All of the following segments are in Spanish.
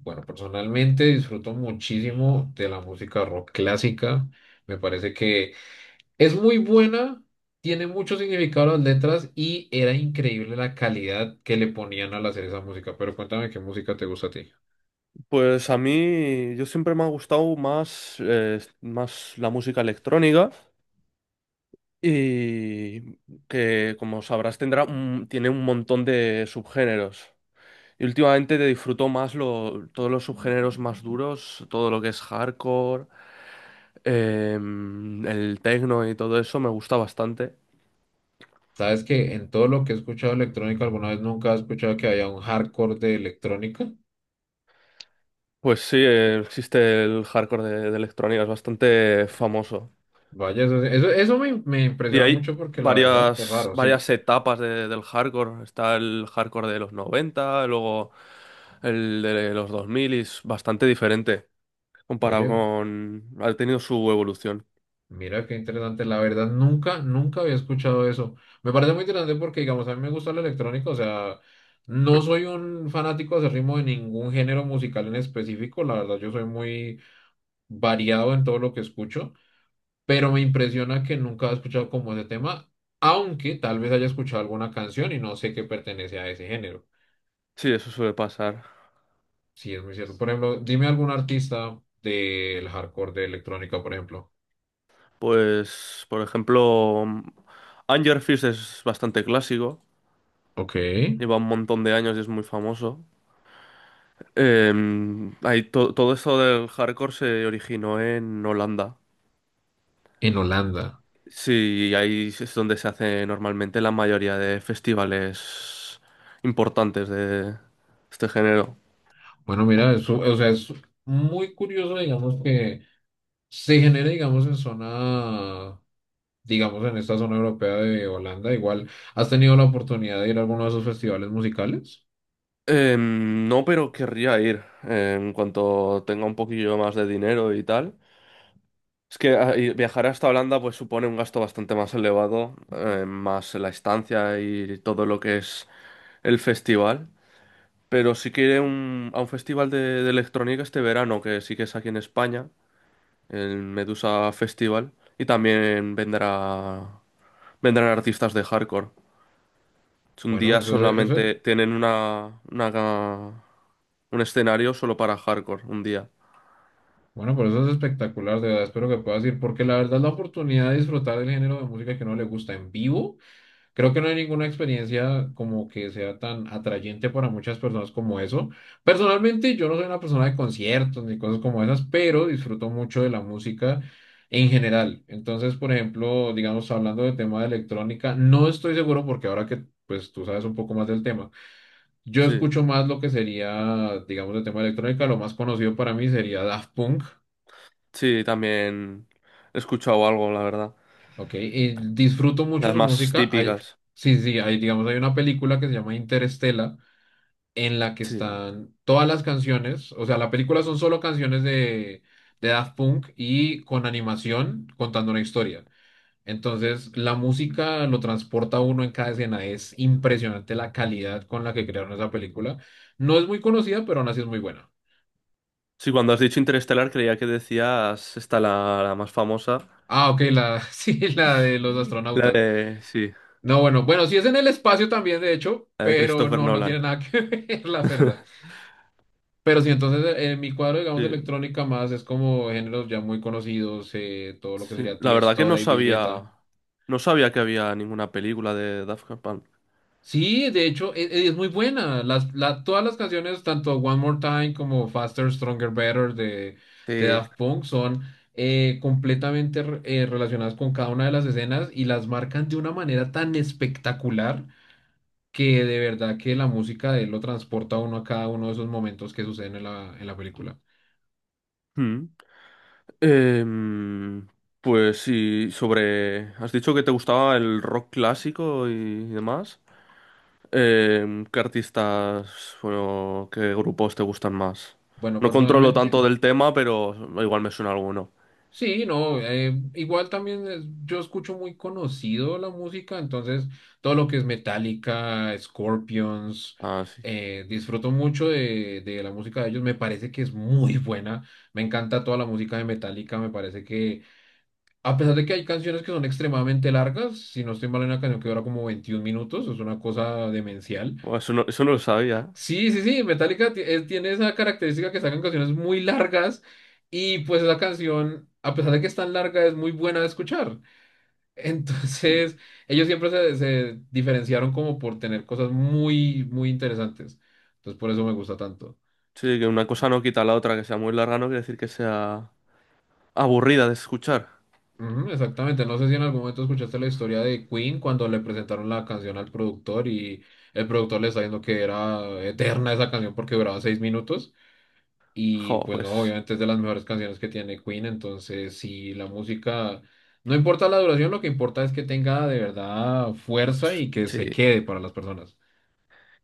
Bueno, personalmente disfruto muchísimo de la música rock clásica. Me parece que es muy buena, tiene mucho significado las letras y era increíble la calidad que le ponían al hacer esa música. Pero cuéntame qué música te gusta a ti. Pues a mí, yo siempre me ha gustado más, más la música electrónica y que, como sabrás, tiene un montón de subgéneros. Y últimamente te disfruto más todos los subgéneros más duros, todo lo que es hardcore, el techno y todo eso me gusta bastante. ¿Sabes que en todo lo que he escuchado electrónica alguna vez nunca he escuchado que haya un hardcore de electrónica? Pues sí, existe el hardcore de electrónica, es bastante famoso. Vaya, eso me Y impresiona hay mucho porque la verdad es varias, raro, sí. varias del hardcore. Está el hardcore de los 90, luego el de los 2000 y es bastante diferente comparado Oye, con... Ha tenido su evolución. mira qué interesante. La verdad, nunca había escuchado eso. Me parece muy interesante porque, digamos, a mí me gusta el electrónico. O sea, no soy un fanático ritmo de ningún género musical en específico. La verdad, yo soy muy variado en todo lo que escucho. Pero me impresiona que nunca he escuchado como ese tema, aunque tal vez haya escuchado alguna canción y no sé qué pertenece a ese género. Sí, eso suele pasar. Sí, es muy cierto. Por ejemplo, dime algún artista del hardcore de electrónica, por ejemplo. Pues, por ejemplo, Anger Fist es bastante clásico. Ok, en Lleva un montón de años y es muy famoso. Eh, Todo esto del hardcore se originó en Holanda. Holanda. Sí, ahí es donde se hace normalmente la mayoría de festivales importantes de este género. Bueno, mira, eso, o sea, es muy curioso, digamos, que se genere, digamos, en zona, digamos, en esta zona europea de Holanda. Igual, ¿has tenido la oportunidad de ir a alguno de esos festivales musicales? No, pero querría ir en cuanto tenga un poquillo más de dinero y tal. Es que y viajar hasta Holanda pues supone un gasto bastante más elevado, más la estancia y todo lo que es el festival. Pero sí que a un festival de electrónica este verano, que sí que es aquí en España. El Medusa Festival y también vendrán artistas de hardcore. Es un Bueno, día solamente, tienen un escenario solo para hardcore, un día. bueno, por eso es espectacular, de verdad, espero que puedas ir, porque la verdad la oportunidad de disfrutar del género de música que no le gusta en vivo. Creo que no hay ninguna experiencia como que sea tan atrayente para muchas personas como eso. Personalmente, yo no soy una persona de conciertos ni cosas como esas, pero disfruto mucho de la música en general. Entonces, por ejemplo, digamos, hablando del tema de electrónica, no estoy seguro porque ahora que pues tú sabes un poco más del tema, yo Sí, escucho más lo que sería, digamos, el tema de electrónica. Lo más conocido para mí sería Daft Punk, sí, también he escuchado algo, la verdad. ¿ok? Y disfruto mucho Las su más música. Típicas. Sí, sí, hay, digamos, hay una película que se llama Interestela en la que Sí. están todas las canciones, o sea, la película son solo canciones de Daft Punk y con animación contando una historia. Entonces, la música lo transporta a uno en cada escena. Es impresionante la calidad con la que crearon esa película. No es muy conocida, pero aún así es muy buena. Sí, cuando has dicho Interestelar creía que decías esta la más famosa, Ah, ok, la, sí, la de los la astronautas. de, sí, No, bueno, bueno, sí es en el espacio también, de hecho, la de pero Christopher no, no tiene Nolan. nada que ver, la verdad. Pero sí, entonces en mi cuadro, digamos, de Sí. electrónica más es como géneros ya muy conocidos, todo lo que Sí, sería la verdad que Tiesto, no David Guetta. sabía, no sabía que había ninguna película de Daft Punk. Sí, de hecho, es, muy buena. Las, todas las canciones, tanto One More Time como Faster, Stronger, Better de Sí. Daft Punk, son completamente relacionadas con cada una de las escenas y las marcan de una manera tan espectacular que de verdad que la música de él lo transporta a uno a cada uno de esos momentos que suceden en en la película. Mm. Em, pues sí, sobre... Has dicho que te gustaba el rock clásico y demás. ¿Qué artistas, bueno, qué grupos te gustan más? Bueno, No controlo personalmente. tanto del tema, pero igual me suena alguno. Sí, no, igual también yo escucho muy conocido la música, entonces todo lo que es Metallica, Scorpions, Ah, sí. Disfruto mucho de la música de ellos, me parece que es muy buena, me encanta toda la música de Metallica, me parece que a pesar de que hay canciones que son extremadamente largas, si no estoy mal, hay una canción que dura como 21 minutos, es una cosa demencial. Buah, eso no lo sabía. Sí, sí, sí, Metallica tiene esa característica que sacan canciones muy largas y pues esa canción, a pesar de que es tan larga, es muy buena de escuchar. ¿Eh? Entonces, ellos siempre se diferenciaron como por tener cosas muy, muy interesantes. Entonces, por eso me gusta tanto. Sí, que una cosa no quita la otra, que sea muy larga no quiere decir que sea aburrida de escuchar. Ujú, exactamente, no sé si en algún momento escuchaste la historia de Queen cuando le presentaron la canción al productor y el productor le está diciendo que era eterna esa canción porque duraba 6 minutos. Y Jo, pues no, pues... obviamente es de las mejores canciones que tiene Queen, entonces si la música, no importa la duración, lo que importa es que tenga de verdad fuerza y que se Sí, quede para las personas.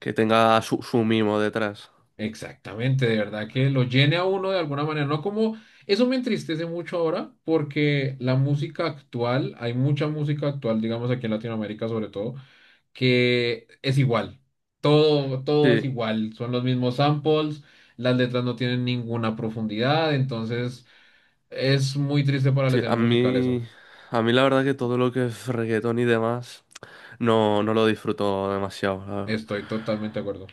que tenga su mimo detrás. Exactamente, de verdad que lo llene a uno de alguna manera, no como, eso me entristece mucho ahora porque la música actual, hay mucha música actual, digamos aquí en Latinoamérica sobre todo, que es igual, todo es Sí, igual, son los mismos samples, las letras no tienen ninguna profundidad, entonces... Es muy triste para la sí, escena musical eso. A mí la verdad que todo lo que es reggaetón y demás no, no lo disfruto demasiado, la verdad. Estoy totalmente de acuerdo.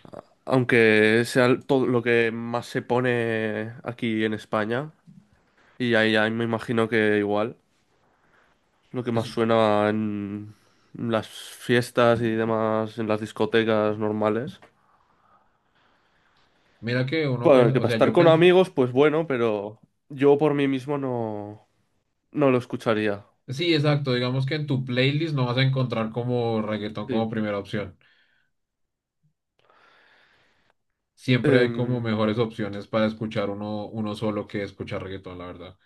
Aunque sea todo lo que más se pone aquí en España, y ahí ya me imagino que igual, lo que más Es- suena en las fiestas y demás, en las discotecas normales. Mira que uno Bueno, piensa, que o para sea, estar yo con pensé, amigos, pues bueno, pero yo por mí mismo no, no lo escucharía. sí, exacto, digamos que en tu playlist no vas a encontrar como reggaetón como Sí. primera opción. Siempre hay como Em, mejores opciones para escuchar uno, uno solo que escuchar reggaetón, la verdad.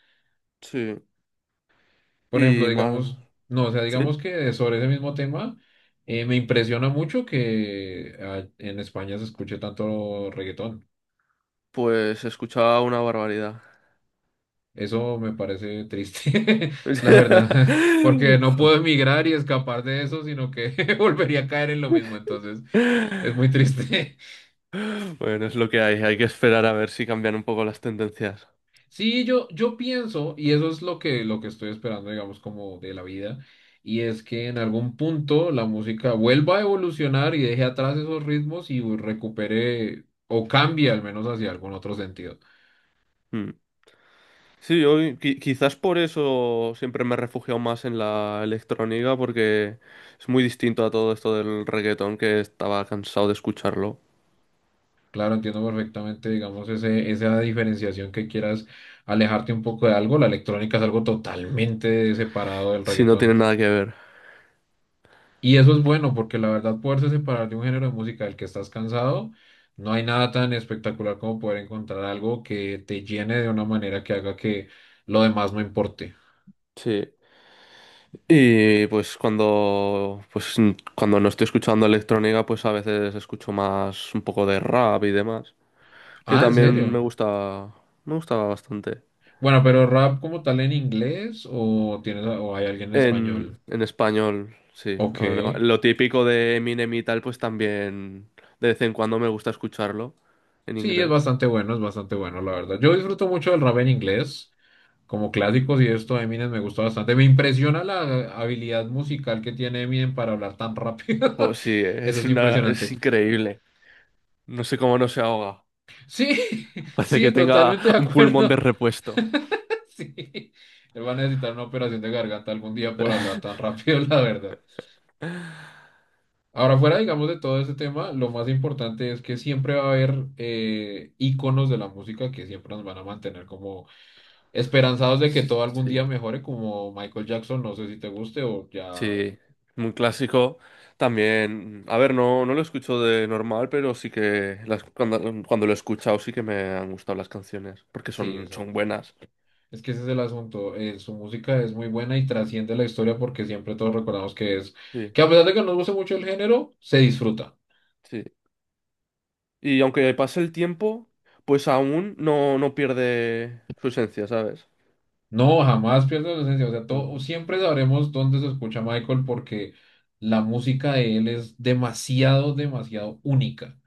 sí, Por ejemplo, y más, digamos, no, o sea, digamos sí, que sobre ese mismo tema, me impresiona mucho que en España se escuche tanto reggaetón. pues escuchaba una barbaridad. Eso me parece triste, la verdad, porque no puedo emigrar y escapar de eso, sino que volvería a caer en lo mismo, entonces es muy triste. Bueno, es lo que hay que esperar a ver si cambian un poco las tendencias. Sí, yo pienso, y eso es lo que estoy esperando, digamos, como de la vida, y es que en algún punto la música vuelva a evolucionar y deje atrás esos ritmos y recupere o cambie al menos hacia algún otro sentido. Mm. Sí, yo quizás por eso siempre me he refugiado más en la electrónica, porque es muy distinto a todo esto del reggaetón que estaba cansado de escucharlo. Claro, entiendo perfectamente, digamos, esa diferenciación que quieras alejarte un poco de algo. La electrónica es algo totalmente separado del Si no reggaetón. tiene nada que ver. Y eso es bueno, porque la verdad, poderse separar de un género de música del que estás cansado, no hay nada tan espectacular como poder encontrar algo que te llene de una manera que haga que lo demás no importe. Sí. Y pues cuando no estoy escuchando electrónica, pues a veces escucho más un poco de rap y demás, que Ah, ¿en también serio? Me gusta bastante. Bueno, pero rap como tal en inglés o tienes, o hay alguien en español. En español, sí. Ok. Bueno, lo típico de Eminem y tal, pues también de vez en cuando me gusta escucharlo en Sí, inglés. Es bastante bueno, la verdad. Yo disfruto mucho del rap en inglés. Como Mm. clásicos y esto, Eminem me gusta bastante. Me impresiona la habilidad musical que tiene Eminem para hablar tan rápido. Oh, sí, Eso es es impresionante. increíble. No sé cómo no se ahoga. Sí, Hace que sí, tenga totalmente de un pulmón de acuerdo. repuesto. Sí, él va a necesitar una operación de garganta algún día por hablar tan rápido, la verdad. Ahora, fuera, digamos, de todo ese tema, lo más importante es que siempre va a haber íconos de la música que siempre nos van a mantener como esperanzados de que todo algún día Sí. mejore, como Michael Jackson, no sé si te guste o ya... Sí, muy clásico. También, a ver, no, no lo escucho de normal, pero sí que cuando, cuando lo he escuchado sí que me han gustado las canciones, porque Sí, son, son exacto. buenas. Es que ese es el asunto. Su música es muy buena y trasciende la historia porque siempre todos recordamos que es, Sí, que a pesar de que no nos guste mucho el género, se disfruta. sí. Y aunque pase el tiempo, pues aún no, no pierde su esencia, ¿sabes? No, jamás pierde la esencia. O sea, Mm. todo, siempre sabremos dónde se escucha Michael porque la música de él es demasiado, demasiado única.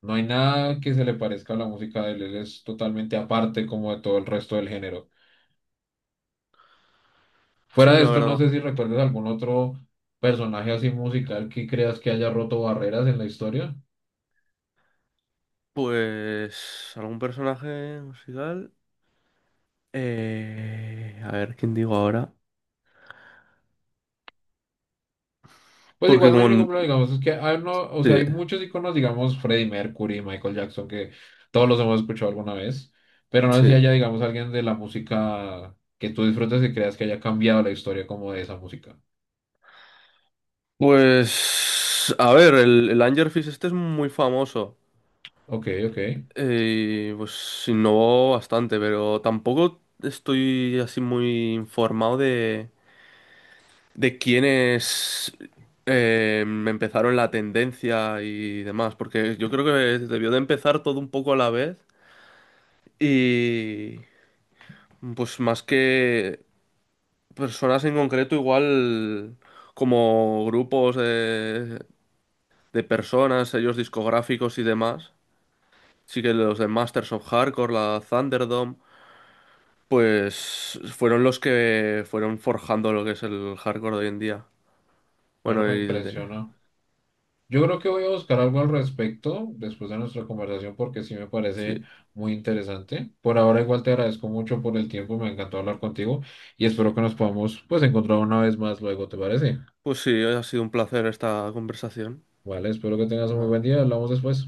No hay nada que se le parezca a la música de él. Él es totalmente aparte como de todo el resto del género. Sí, Fuera de la esto, no verdad. sé si recuerdas algún otro personaje así musical que creas que haya roto barreras en la historia. Pues algún personaje musical. A ver, ¿quién digo ahora? Pues Porque igual no hay ningún como... problema, digamos, es que hay, no, o sea, Sí, hay muchos iconos, digamos, Freddie Mercury, Michael Jackson, que todos los hemos escuchado alguna vez, pero no sé si sí. haya, digamos, alguien de la música que tú disfrutes y creas que haya cambiado la historia como de esa música. Pues, a ver, el Angerfish este es muy famoso. Ok, Pues innovó bastante, pero tampoco estoy así muy informado de quiénes empezaron la tendencia y demás, porque yo creo que debió de empezar todo un poco a la vez y pues más que personas en concreto, igual como grupos de personas, sellos discográficos y demás. Sí que los de Masters of Hardcore, la Thunderdome, pues fueron los que fueron forjando lo que es el hardcore de hoy en día. bueno, Bueno, me y el de... impresiona. Yo creo que voy a buscar algo al respecto después de nuestra conversación porque sí me Sí, parece muy interesante. Por ahora igual te agradezco mucho por el tiempo, me encantó hablar contigo y sí. espero que nos podamos pues encontrar una vez más luego, ¿te parece? Pues sí, hoy ha sido un placer esta conversación. Vale, espero que tengas un muy buen día. Hablamos después.